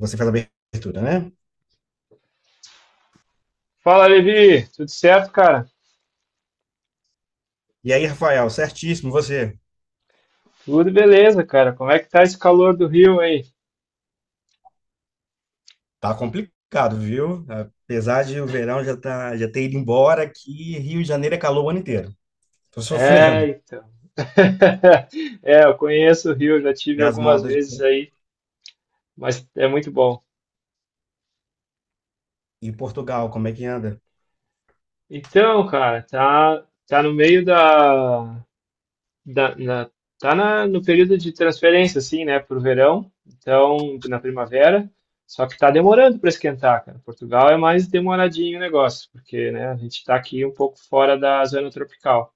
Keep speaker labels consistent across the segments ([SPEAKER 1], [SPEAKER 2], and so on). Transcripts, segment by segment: [SPEAKER 1] Você faz a abertura, né?
[SPEAKER 2] Fala, Levi. Tudo certo, cara?
[SPEAKER 1] E aí, Rafael, certíssimo, você.
[SPEAKER 2] Tudo beleza, cara. Como é que tá esse calor do Rio aí?
[SPEAKER 1] Tá complicado, viu? Apesar de o verão já, tá, já ter ido embora, aqui Rio de Janeiro é calor o ano inteiro. Tô
[SPEAKER 2] É,
[SPEAKER 1] sofrendo.
[SPEAKER 2] então. É, eu conheço o Rio, já tive
[SPEAKER 1] E as
[SPEAKER 2] algumas
[SPEAKER 1] modas
[SPEAKER 2] vezes aí, mas é muito bom.
[SPEAKER 1] em Portugal, como é que anda?
[SPEAKER 2] Então, cara, tá no meio da- na- no período de transferência, assim, né, pro verão, então, na primavera, só que tá demorando para esquentar, cara. Portugal é mais demoradinho o negócio, porque, né, a gente tá aqui um pouco fora da zona tropical.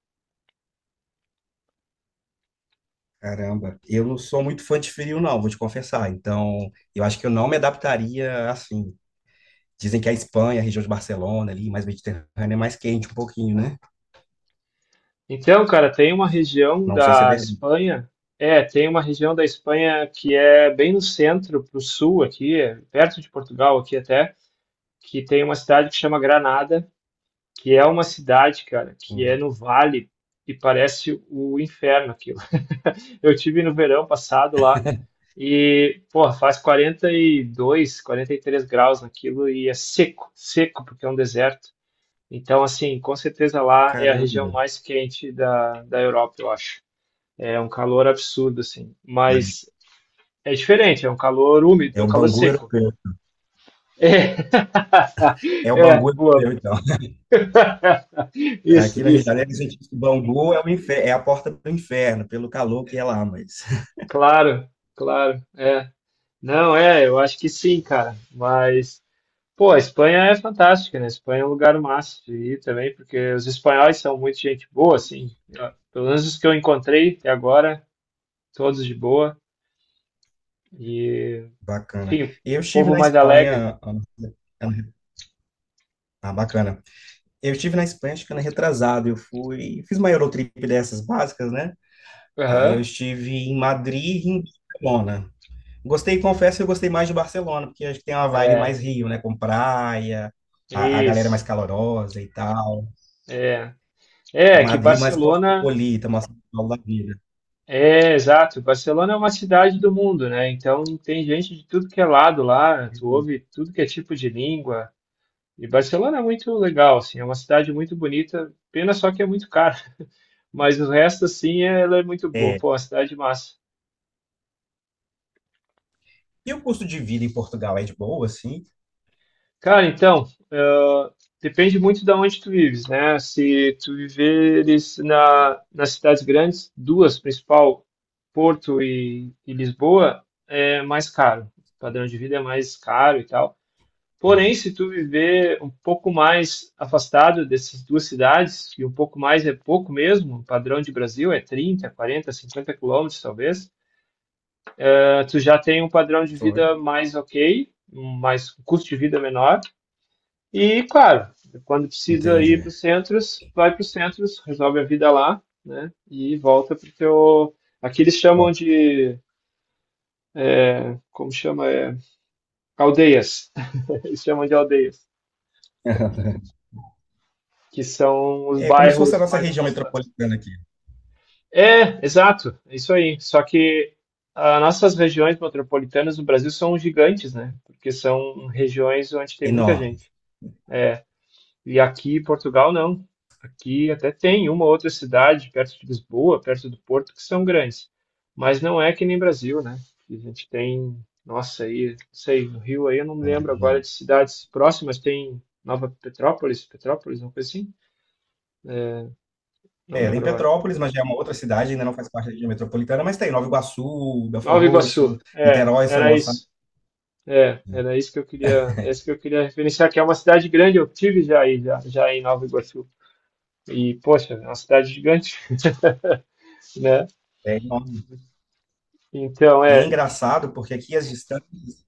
[SPEAKER 1] Caramba, eu não sou muito fã de frio, não, vou te confessar. Então, eu acho que eu não me adaptaria assim. Dizem que a Espanha, a região de Barcelona ali, mais mediterrânea, é mais quente um pouquinho, né?
[SPEAKER 2] Então, cara, tem uma região
[SPEAKER 1] Não sei se é
[SPEAKER 2] da
[SPEAKER 1] verdade.
[SPEAKER 2] Espanha, tem uma região da Espanha que é bem no centro, pro sul aqui, é perto de Portugal aqui até, que tem uma cidade que chama Granada, que é uma cidade, cara, que é
[SPEAKER 1] Hum.
[SPEAKER 2] no vale e parece o inferno aquilo. Eu tive no verão passado lá e, porra, faz quarenta e dois, 43 graus naquilo e é seco, seco porque é um deserto. Então, assim, com certeza lá é a região
[SPEAKER 1] Caramba.
[SPEAKER 2] mais quente da Europa, eu acho. É um calor absurdo, assim. Mas é diferente, é um calor
[SPEAKER 1] É
[SPEAKER 2] úmido, é
[SPEAKER 1] o
[SPEAKER 2] um calor
[SPEAKER 1] Bangu
[SPEAKER 2] seco.
[SPEAKER 1] europeu.
[SPEAKER 2] É,
[SPEAKER 1] É o
[SPEAKER 2] é
[SPEAKER 1] Bangu
[SPEAKER 2] boa.
[SPEAKER 1] europeu,
[SPEAKER 2] Boa.
[SPEAKER 1] então.
[SPEAKER 2] Isso,
[SPEAKER 1] Aqui no Rio de
[SPEAKER 2] isso.
[SPEAKER 1] Janeiro, a gente diz que o Bangu é, o infer- é a porta do inferno, pelo calor que é lá, mas
[SPEAKER 2] Claro, claro. É. Não, é, eu acho que sim, cara. Mas, pô, a Espanha é fantástica, né? A Espanha é um lugar massa de ir também, porque os espanhóis são muito gente boa, assim. Pelo menos os que eu encontrei até agora, todos de boa. E,
[SPEAKER 1] bacana.
[SPEAKER 2] enfim,
[SPEAKER 1] Eu estive
[SPEAKER 2] povo
[SPEAKER 1] na
[SPEAKER 2] mais alegre.
[SPEAKER 1] Espanha. Ano- Ah, bacana. Eu estive na Espanha, acho que ano retrasado. Eu fui, fiz uma Eurotrip dessas básicas, né? Aí eu
[SPEAKER 2] Aham.
[SPEAKER 1] estive em Madrid e em Barcelona. Gostei, confesso que eu gostei mais de Barcelona, porque acho que tem uma vibe mais
[SPEAKER 2] É,
[SPEAKER 1] Rio, né? Com praia, a galera é mais
[SPEAKER 2] isso.
[SPEAKER 1] calorosa e tal.
[SPEAKER 2] É,
[SPEAKER 1] E
[SPEAKER 2] é que
[SPEAKER 1] Madrid mais
[SPEAKER 2] Barcelona
[SPEAKER 1] cosmopolita, mais São Paulo da vida.
[SPEAKER 2] é exato. Barcelona é uma cidade do mundo, né? Então tem gente de tudo que é lado lá. Tu ouve tudo que é tipo de língua. E Barcelona é muito legal, assim, é uma cidade muito bonita. Pena só que é muito cara, mas o resto assim ela é muito boa.
[SPEAKER 1] É.
[SPEAKER 2] Pô, uma cidade massa.
[SPEAKER 1] E o custo de vida em Portugal é de boa, assim?
[SPEAKER 2] Cara, então, ah, depende muito de onde tu vives, né? Se tu viveres nas cidades grandes, duas principal, Porto e Lisboa, é mais caro. O padrão de vida é mais caro e tal. Porém,
[SPEAKER 1] Entendi.
[SPEAKER 2] se tu viver um pouco mais afastado dessas duas cidades, e um pouco mais é pouco mesmo, o padrão de Brasil é 30, 40, 50 quilômetros, talvez, tu já tem um padrão de
[SPEAKER 1] Olha.
[SPEAKER 2] vida mais ok, um mais um custo de vida menor e, claro, quando precisa ir para
[SPEAKER 1] Entendi.
[SPEAKER 2] os centros, vai para os centros, resolve a vida lá, né? E volta para o teu. Aqui eles
[SPEAKER 1] Ó.
[SPEAKER 2] chamam de. Como chama? É, aldeias. Eles chamam de aldeias, que são os
[SPEAKER 1] É como se fosse a
[SPEAKER 2] bairros
[SPEAKER 1] nossa
[SPEAKER 2] mais
[SPEAKER 1] região
[SPEAKER 2] afastados.
[SPEAKER 1] metropolitana aqui.
[SPEAKER 2] É, exato, é isso aí. Só que as nossas regiões metropolitanas no Brasil são gigantes, né? Porque são regiões onde tem muita
[SPEAKER 1] Enorme.
[SPEAKER 2] gente. É, e aqui em Portugal, não. Aqui até tem uma outra cidade perto de Lisboa, perto do Porto, que são grandes. Mas não é que nem Brasil, né? A gente tem, nossa, aí, não sei, no Rio aí eu não me lembro
[SPEAKER 1] Imagina.
[SPEAKER 2] agora de cidades próximas, tem Nova Petrópolis, Petrópolis, uma coisa assim? É, não
[SPEAKER 1] É, tem
[SPEAKER 2] lembro agora.
[SPEAKER 1] Petrópolis, mas já é uma outra cidade, ainda não faz parte da região metropolitana, mas tem Nova Iguaçu, Belfort
[SPEAKER 2] Nova
[SPEAKER 1] Roxo,
[SPEAKER 2] Iguaçu. É,
[SPEAKER 1] Niterói, São
[SPEAKER 2] era
[SPEAKER 1] Gonçalo,
[SPEAKER 2] isso. É,
[SPEAKER 1] né?
[SPEAKER 2] era isso que eu queria, essa que eu queria referenciar, que é uma cidade grande, eu tive já aí, já, já em Nova Iguaçu. E, poxa, é uma cidade gigante, né?
[SPEAKER 1] É enorme.
[SPEAKER 2] Então,
[SPEAKER 1] E é
[SPEAKER 2] é.
[SPEAKER 1] engraçado porque aqui as distâncias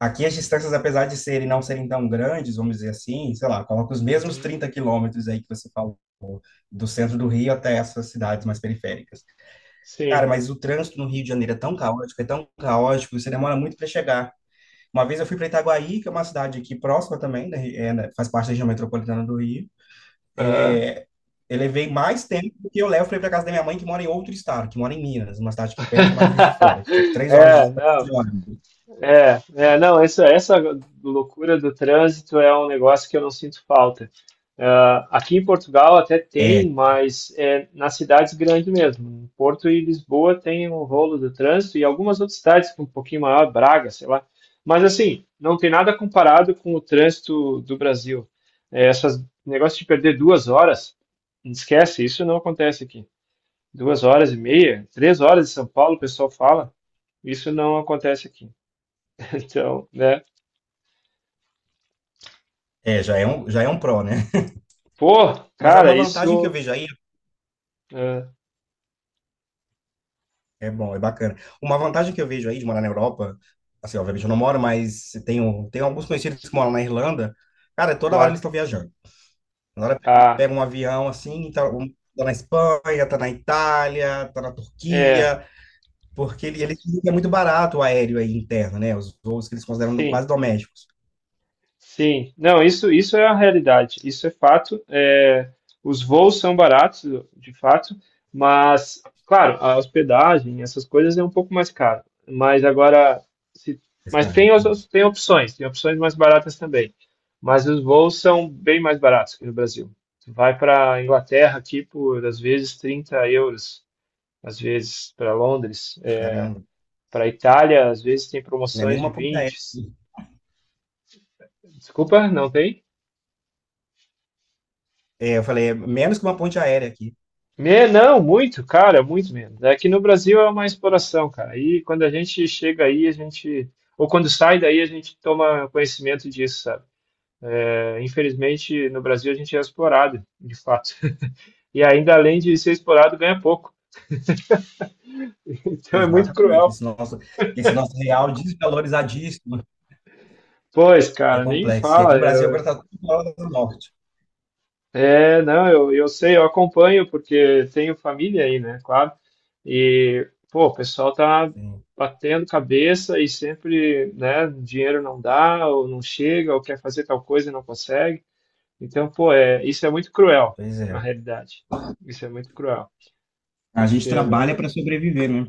[SPEAKER 1] Aqui as distâncias, apesar de serem não serem tão grandes, vamos dizer assim, sei lá, coloca os mesmos
[SPEAKER 2] Uhum.
[SPEAKER 1] 30 quilômetros aí que você falou, do centro do Rio até essas cidades mais periféricas. Cara,
[SPEAKER 2] Sim.
[SPEAKER 1] mas o trânsito no Rio de Janeiro é tão caótico, você demora muito para chegar. Uma vez eu fui para Itaguaí, que é uma cidade aqui próxima também, né, faz parte da região metropolitana do Rio.
[SPEAKER 2] Aham.
[SPEAKER 1] É, eu levei mais tempo do que eu levo para ir para casa da minha mãe, que mora em outro estado, que mora em Minas, uma cidade que perto, mas no Juiz de Fora, que tipo, 3 horas de
[SPEAKER 2] É,
[SPEAKER 1] distância de
[SPEAKER 2] não.
[SPEAKER 1] ônibus.
[SPEAKER 2] É, não, essa loucura do trânsito é um negócio que eu não sinto falta. Ah, aqui em Portugal até
[SPEAKER 1] É,
[SPEAKER 2] tem, mas é nas cidades grandes mesmo. Em Porto e Lisboa tem um rolo do trânsito e algumas outras cidades com um pouquinho maior, Braga, sei lá. Mas assim, não tem nada comparado com o trânsito do Brasil. É, essas negócio de perder 2 horas, esquece, isso não acontece aqui. 2 horas e meia, 3 horas em São Paulo, o pessoal fala. Isso não acontece aqui. Então, né?
[SPEAKER 1] já é um pró, né?
[SPEAKER 2] Pô,
[SPEAKER 1] Mas há uma
[SPEAKER 2] cara,
[SPEAKER 1] vantagem que eu
[SPEAKER 2] isso,
[SPEAKER 1] vejo aí,
[SPEAKER 2] é,
[SPEAKER 1] é bom, é bacana. Uma vantagem que eu vejo aí de morar na Europa, assim, obviamente eu não moro, mas tenho, alguns conhecidos que moram na Irlanda. Cara, toda hora eles
[SPEAKER 2] claro.
[SPEAKER 1] estão viajando. Na hora que
[SPEAKER 2] Ah,
[SPEAKER 1] pega um avião assim, tá, um- tá na Espanha, tá na Itália, tá na
[SPEAKER 2] é,
[SPEAKER 1] Turquia, porque ele é muito barato o aéreo aí interno, né? Os voos que eles consideram quase
[SPEAKER 2] sim.
[SPEAKER 1] domésticos.
[SPEAKER 2] Sim, não, isso é a realidade, isso é fato. É, os voos são baratos, de fato, mas, claro, a hospedagem, essas coisas é um pouco mais caro. Mas agora, se,
[SPEAKER 1] Mas,
[SPEAKER 2] mas
[SPEAKER 1] cara,
[SPEAKER 2] tem, as- tem opções mais baratas também. Mas os voos são bem mais baratos aqui no Brasil. Tu vai para Inglaterra aqui por, às vezes, 30 euros, às vezes para Londres.
[SPEAKER 1] caramba,
[SPEAKER 2] Para Itália, às vezes tem
[SPEAKER 1] não é
[SPEAKER 2] promoções de
[SPEAKER 1] nenhuma ponte
[SPEAKER 2] vinte.
[SPEAKER 1] aérea.
[SPEAKER 2] Desculpa, não tem?
[SPEAKER 1] É, eu falei, é menos que uma ponte aérea aqui.
[SPEAKER 2] Não, muito, cara, muito menos. Aqui no Brasil é uma exploração, cara. Aí quando a gente chega aí, a gente, ou quando sai daí, a gente toma conhecimento disso, sabe? É, infelizmente, no Brasil a gente é explorado, de fato. E ainda além de ser explorado, ganha pouco. Então é muito
[SPEAKER 1] Exatamente,
[SPEAKER 2] cruel.
[SPEAKER 1] esse nosso real desvalorizadíssimo.
[SPEAKER 2] Pois,
[SPEAKER 1] É
[SPEAKER 2] cara, nem
[SPEAKER 1] complexo. E aqui
[SPEAKER 2] fala.
[SPEAKER 1] no Brasil agora está tudo na hora da morte.
[SPEAKER 2] É, não, eu sei, eu acompanho porque tenho família aí, né? Claro. E, pô, o pessoal tá
[SPEAKER 1] Sim,
[SPEAKER 2] batendo cabeça e sempre, né, dinheiro não dá, ou não chega, ou quer fazer tal coisa e não consegue. Então, pô, é, isso é muito cruel,
[SPEAKER 1] pois
[SPEAKER 2] na
[SPEAKER 1] é.
[SPEAKER 2] realidade. Isso é muito cruel,
[SPEAKER 1] A gente
[SPEAKER 2] porque, né?
[SPEAKER 1] trabalha para sobreviver, né?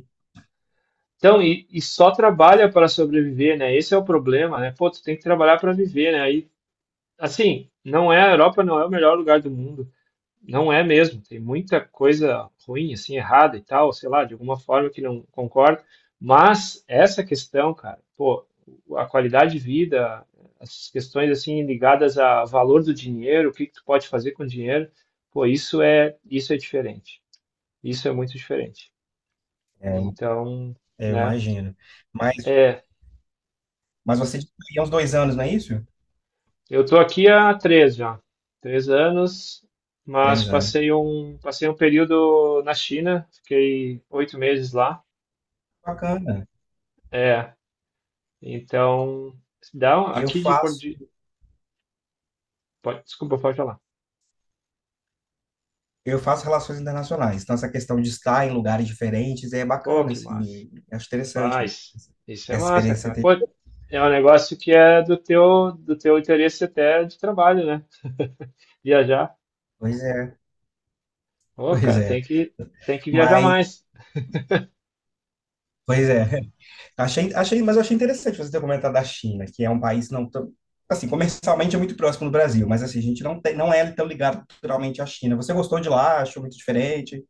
[SPEAKER 2] Então, e só trabalha para sobreviver, né? Esse é o problema, né? Pô, tu tem que trabalhar para viver, né? Aí, assim, não é, a Europa não é o melhor lugar do mundo. Não é mesmo, tem muita coisa ruim, assim, errada e tal, sei lá, de alguma forma que não concordo, mas essa questão, cara, pô, a qualidade de vida, as questões, assim, ligadas ao valor do dinheiro, o que que tu pode fazer com o dinheiro, pô, isso é diferente, isso é muito diferente. Então,
[SPEAKER 1] É, eu
[SPEAKER 2] né,
[SPEAKER 1] imagino. Mas,
[SPEAKER 2] é,
[SPEAKER 1] mas você disse que há uns 2 anos, não é isso?
[SPEAKER 2] eu tô aqui há três já, 3 anos, mas
[SPEAKER 1] 3 anos.
[SPEAKER 2] passei um período na China, fiquei 8 meses lá.
[SPEAKER 1] Bacana.
[SPEAKER 2] É. Então, dá um,
[SPEAKER 1] Eu
[SPEAKER 2] aqui de Porto
[SPEAKER 1] faço,
[SPEAKER 2] de, Desculpa, pode falar.
[SPEAKER 1] eu faço relações internacionais. Então, essa questão de estar em lugares diferentes é
[SPEAKER 2] Pô,
[SPEAKER 1] bacana,
[SPEAKER 2] que massa.
[SPEAKER 1] assim. Acho interessante
[SPEAKER 2] Faz. Isso é
[SPEAKER 1] essa
[SPEAKER 2] massa,
[SPEAKER 1] experiência que
[SPEAKER 2] cara.
[SPEAKER 1] você
[SPEAKER 2] Pô,
[SPEAKER 1] teve.
[SPEAKER 2] é um negócio que é do teu interesse até de trabalho, né? Viajar.
[SPEAKER 1] Pois é,
[SPEAKER 2] Pô,
[SPEAKER 1] pois
[SPEAKER 2] cara, tem
[SPEAKER 1] é.
[SPEAKER 2] que, tem que viajar
[SPEAKER 1] Mas,
[SPEAKER 2] mais.
[SPEAKER 1] pois é. Achei, mas eu achei interessante você ter comentado da China, que é um país não tão, assim, comercialmente é muito próximo do Brasil, mas assim, a gente não tem, não é tão ligado culturalmente à China. Você gostou de lá? Achou muito diferente?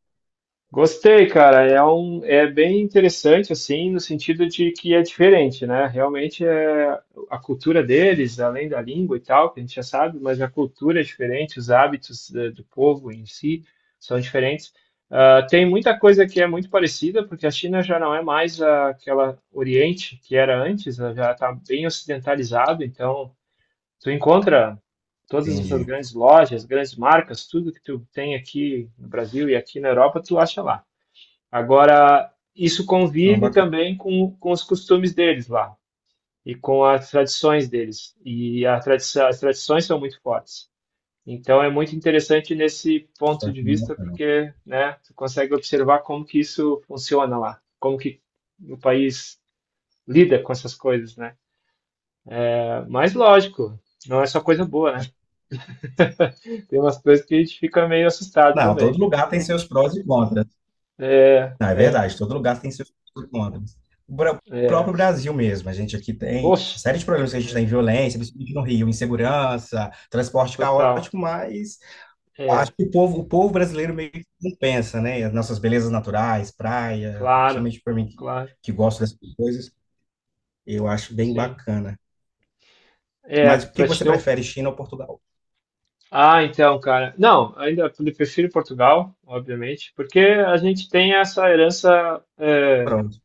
[SPEAKER 2] Gostei, cara. É bem interessante, assim, no sentido de que é diferente, né? Realmente é a cultura deles, além da língua e tal, que a gente já sabe, mas a cultura é diferente, os hábitos do povo em si são diferentes. Ah, tem muita coisa que é muito parecida, porque a China já não é mais aquela Oriente que era antes, né? Já está bem ocidentalizado, então tu encontra todas essas
[SPEAKER 1] Entendi.
[SPEAKER 2] grandes lojas, grandes marcas, tudo que tu tem aqui no Brasil e aqui na Europa, tu acha lá. Agora, isso
[SPEAKER 1] Então,
[SPEAKER 2] convive
[SPEAKER 1] bacana.
[SPEAKER 2] também com os costumes deles lá e com as tradições deles. E as tradições são muito fortes. Então é muito interessante nesse
[SPEAKER 1] Isso
[SPEAKER 2] ponto
[SPEAKER 1] é
[SPEAKER 2] de
[SPEAKER 1] muito
[SPEAKER 2] vista
[SPEAKER 1] bacana.
[SPEAKER 2] porque, né, tu consegue observar como que isso funciona lá, como que o país lida com essas coisas, né? Mas lógico, não é só coisa boa, né? Tem umas coisas que a gente fica meio assustado
[SPEAKER 1] Não,
[SPEAKER 2] também.
[SPEAKER 1] todo lugar tem seus prós e contras.
[SPEAKER 2] É,
[SPEAKER 1] Não, é
[SPEAKER 2] é,
[SPEAKER 1] verdade, todo lugar tem seus prós e contras. O bra- o
[SPEAKER 2] é.
[SPEAKER 1] próprio Brasil mesmo, a gente aqui tem
[SPEAKER 2] Poxa,
[SPEAKER 1] uma série de problemas que a gente
[SPEAKER 2] é,
[SPEAKER 1] tem, violência, principalmente no Rio, insegurança, transporte
[SPEAKER 2] total.
[SPEAKER 1] caótico, mas acho
[SPEAKER 2] É.
[SPEAKER 1] que o povo brasileiro meio que não pensa, né? As nossas belezas naturais, praia,
[SPEAKER 2] Claro,
[SPEAKER 1] principalmente para mim que,
[SPEAKER 2] claro,
[SPEAKER 1] que gosto dessas coisas, eu acho bem
[SPEAKER 2] sim.
[SPEAKER 1] bacana.
[SPEAKER 2] É,
[SPEAKER 1] Mas o que
[SPEAKER 2] para te
[SPEAKER 1] você
[SPEAKER 2] ter um.
[SPEAKER 1] prefere, China ou Portugal?
[SPEAKER 2] Ah, então, cara. Não, ainda prefiro Portugal, obviamente, porque a gente tem essa herança. É.
[SPEAKER 1] Pronto.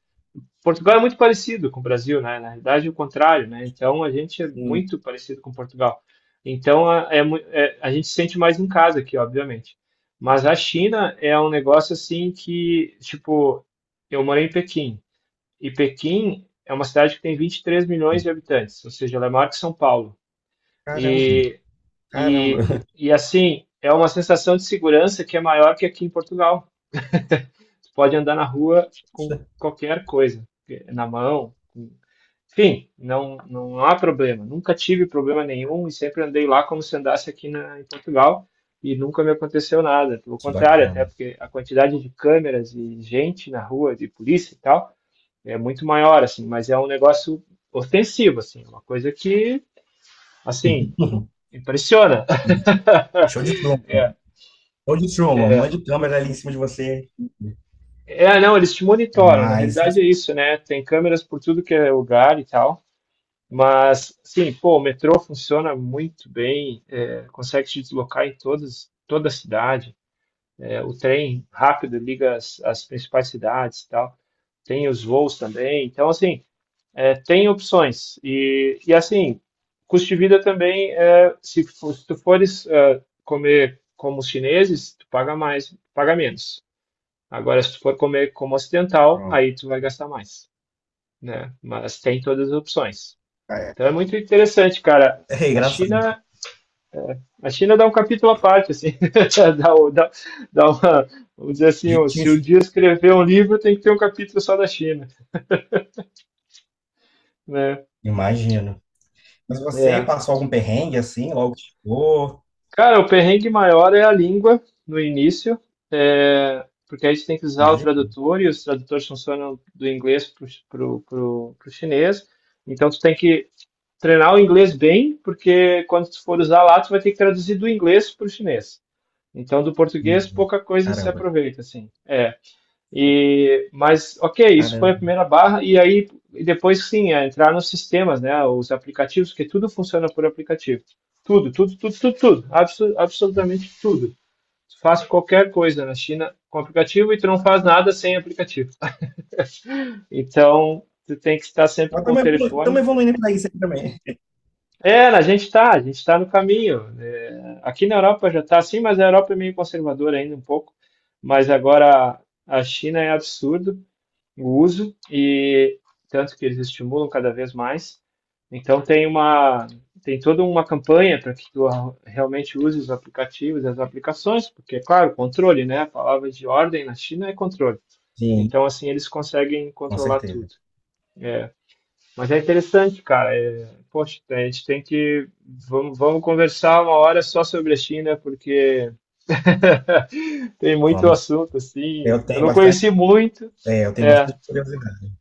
[SPEAKER 2] Portugal é muito parecido com o Brasil, né? Na realidade, é o contrário, né? Então, a gente é
[SPEAKER 1] Hum.
[SPEAKER 2] muito parecido com Portugal. Então, a gente se sente mais em casa aqui, obviamente. Mas a China é um negócio assim que, tipo, eu morei em Pequim, e Pequim é uma cidade que tem 23 milhões de habitantes, ou seja, ela é maior que São Paulo.
[SPEAKER 1] Caramba,
[SPEAKER 2] E,
[SPEAKER 1] caramba.
[SPEAKER 2] e, e assim, é uma sensação de segurança que é maior que aqui em Portugal. Tu pode andar na rua com qualquer coisa, na mão, enfim, não, não há problema. Nunca tive problema nenhum e sempre andei lá como se andasse aqui em Portugal e nunca me aconteceu nada. Pelo
[SPEAKER 1] Que
[SPEAKER 2] contrário, até
[SPEAKER 1] bacana.
[SPEAKER 2] porque a quantidade de câmeras e gente na rua, de polícia e tal, é muito maior, assim, mas é um negócio ofensivo, assim, uma coisa que, assim, impressiona.
[SPEAKER 1] Show de Truman. Show de Truman. Um monte de câmera ali em cima de você.
[SPEAKER 2] É, não, eles te monitoram, na
[SPEAKER 1] Mas
[SPEAKER 2] realidade é
[SPEAKER 1] você.
[SPEAKER 2] isso, né? Tem câmeras por tudo que é lugar e tal. Mas, sim, pô, o metrô funciona muito bem, é, consegue se deslocar em toda a cidade. É, o trem rápido liga as principais cidades e tal. Tem os voos também. Então, assim, é, tem opções. E, assim, custo de vida também, é, se tu fores é, comer como os chineses, tu paga mais, paga menos. Agora, se tu for comer como ocidental,
[SPEAKER 1] Pronto.
[SPEAKER 2] aí tu vai gastar mais, né? Mas tem todas as opções.
[SPEAKER 1] É,
[SPEAKER 2] Então é muito interessante, cara.
[SPEAKER 1] é
[SPEAKER 2] A
[SPEAKER 1] engraçado.
[SPEAKER 2] China, a China dá um capítulo à parte, assim, dá, o- dá, dá uma, vamos dizer assim, ó, se um
[SPEAKER 1] Jeitinho.
[SPEAKER 2] dia escrever um livro, tem que ter um capítulo só da China, né?
[SPEAKER 1] Imagino. Mas você
[SPEAKER 2] É.
[SPEAKER 1] passou algum perrengue assim, logo que chegou?
[SPEAKER 2] Cara, o perrengue maior é a língua no início, é, porque aí você tem que usar o
[SPEAKER 1] Imagina.
[SPEAKER 2] tradutor e os tradutores funcionam do inglês para o chinês. Então, tu tem que treinar o inglês bem, porque quando tu for usar lá, tu vai ter que traduzir do inglês para o chinês. Então, do português, pouca coisa se
[SPEAKER 1] Caramba.
[SPEAKER 2] aproveita, assim. É. E, mas, ok, isso foi a
[SPEAKER 1] Caramba.
[SPEAKER 2] primeira barra. E aí, e depois, sim, é entrar nos sistemas, né? Os aplicativos, porque tudo funciona por aplicativo. Tudo, tudo, tudo, tudo, tudo. Absolutamente tudo. Tu faz qualquer coisa na China com aplicativo e tu não faz nada sem aplicativo. Então, tu tem que estar sempre
[SPEAKER 1] Nós
[SPEAKER 2] com o
[SPEAKER 1] estamos
[SPEAKER 2] telefone.
[SPEAKER 1] evoluindo para isso aí também.
[SPEAKER 2] É, a gente está no caminho. É, aqui na Europa já está assim, mas a Europa é meio conservadora ainda um pouco. Mas agora a China é absurdo o uso, e tanto que eles estimulam cada vez mais. Então tem toda uma campanha para que tu realmente use os aplicativos, as aplicações, porque, é claro, controle, né? A palavra de ordem na China é controle.
[SPEAKER 1] Sim,
[SPEAKER 2] Então, assim, eles conseguem
[SPEAKER 1] com
[SPEAKER 2] controlar tudo.
[SPEAKER 1] certeza.
[SPEAKER 2] É, mas é interessante, cara. É, poxa, a gente tem que. Vamos conversar uma hora só sobre a China, porque tem muito
[SPEAKER 1] Vamos.
[SPEAKER 2] assunto, assim.
[SPEAKER 1] Eu
[SPEAKER 2] Eu
[SPEAKER 1] tenho
[SPEAKER 2] não conheci
[SPEAKER 1] bastante,
[SPEAKER 2] muito.
[SPEAKER 1] é, eu tenho
[SPEAKER 2] É,
[SPEAKER 1] bastante curiosidade.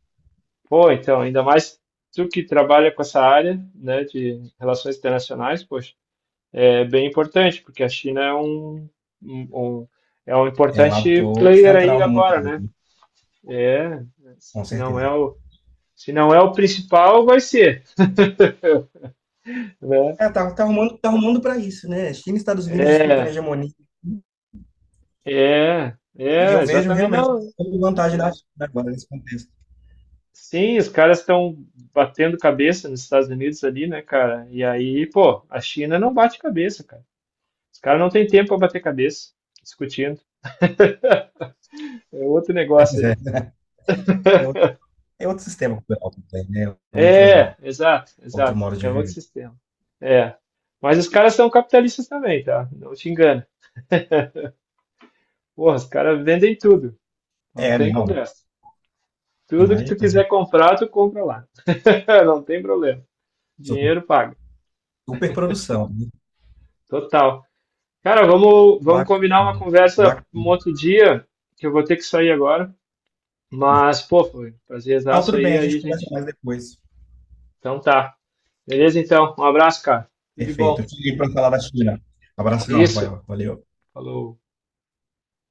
[SPEAKER 2] pô, então, ainda mais tu que trabalha com essa área, né, de relações internacionais, poxa, é bem importante, porque a China um- um- é um
[SPEAKER 1] É um
[SPEAKER 2] importante
[SPEAKER 1] ator
[SPEAKER 2] player aí
[SPEAKER 1] central no mundo,
[SPEAKER 2] agora, né?
[SPEAKER 1] dele,
[SPEAKER 2] É, se
[SPEAKER 1] com
[SPEAKER 2] não é
[SPEAKER 1] certeza.
[SPEAKER 2] o, se não é o principal, vai ser, né?
[SPEAKER 1] É, tá, tá arrumando para isso, né? China e Estados Unidos disputando a
[SPEAKER 2] É,
[SPEAKER 1] hegemonia.
[SPEAKER 2] É,
[SPEAKER 1] E
[SPEAKER 2] é,
[SPEAKER 1] eu vejo
[SPEAKER 2] exatamente,
[SPEAKER 1] realmente
[SPEAKER 2] não.
[SPEAKER 1] toda vantagem da
[SPEAKER 2] É.
[SPEAKER 1] China agora nesse contexto.
[SPEAKER 2] Sim, os caras estão batendo cabeça nos Estados Unidos ali, né, cara? E aí, pô, a China não bate cabeça, cara. Os caras não têm tempo para bater cabeça, discutindo. É outro negócio
[SPEAKER 1] Pois é,
[SPEAKER 2] ali.
[SPEAKER 1] né? é outro, é outro sistema cultural também, né? É
[SPEAKER 2] É,
[SPEAKER 1] outro,
[SPEAKER 2] exato,
[SPEAKER 1] outro
[SPEAKER 2] exato.
[SPEAKER 1] modo de
[SPEAKER 2] É outro
[SPEAKER 1] viver.
[SPEAKER 2] sistema. É. Mas os caras são capitalistas também, tá? Não te engana. Porra, os caras vendem tudo. Não
[SPEAKER 1] É,
[SPEAKER 2] tem
[SPEAKER 1] não,
[SPEAKER 2] conversa. Tudo que tu
[SPEAKER 1] imagina.
[SPEAKER 2] quiser comprar, tu compra lá. Não tem problema. Dinheiro paga.
[SPEAKER 1] Super produção.
[SPEAKER 2] Total. Cara, vamos
[SPEAKER 1] Bacana,
[SPEAKER 2] combinar uma conversa um
[SPEAKER 1] bacana.
[SPEAKER 2] outro dia, que eu vou ter que sair agora. Mas, pô, foi um
[SPEAKER 1] Não,
[SPEAKER 2] prazerzaço
[SPEAKER 1] tudo bem,
[SPEAKER 2] aí,
[SPEAKER 1] a gente conversa
[SPEAKER 2] gente.
[SPEAKER 1] mais depois.
[SPEAKER 2] Então tá. Beleza, então. Um abraço, cara. Tudo de
[SPEAKER 1] Perfeito. Eu
[SPEAKER 2] bom.
[SPEAKER 1] te ligo para falar da China. Abração,
[SPEAKER 2] Isso.
[SPEAKER 1] Rafael. Valeu.
[SPEAKER 2] Falou.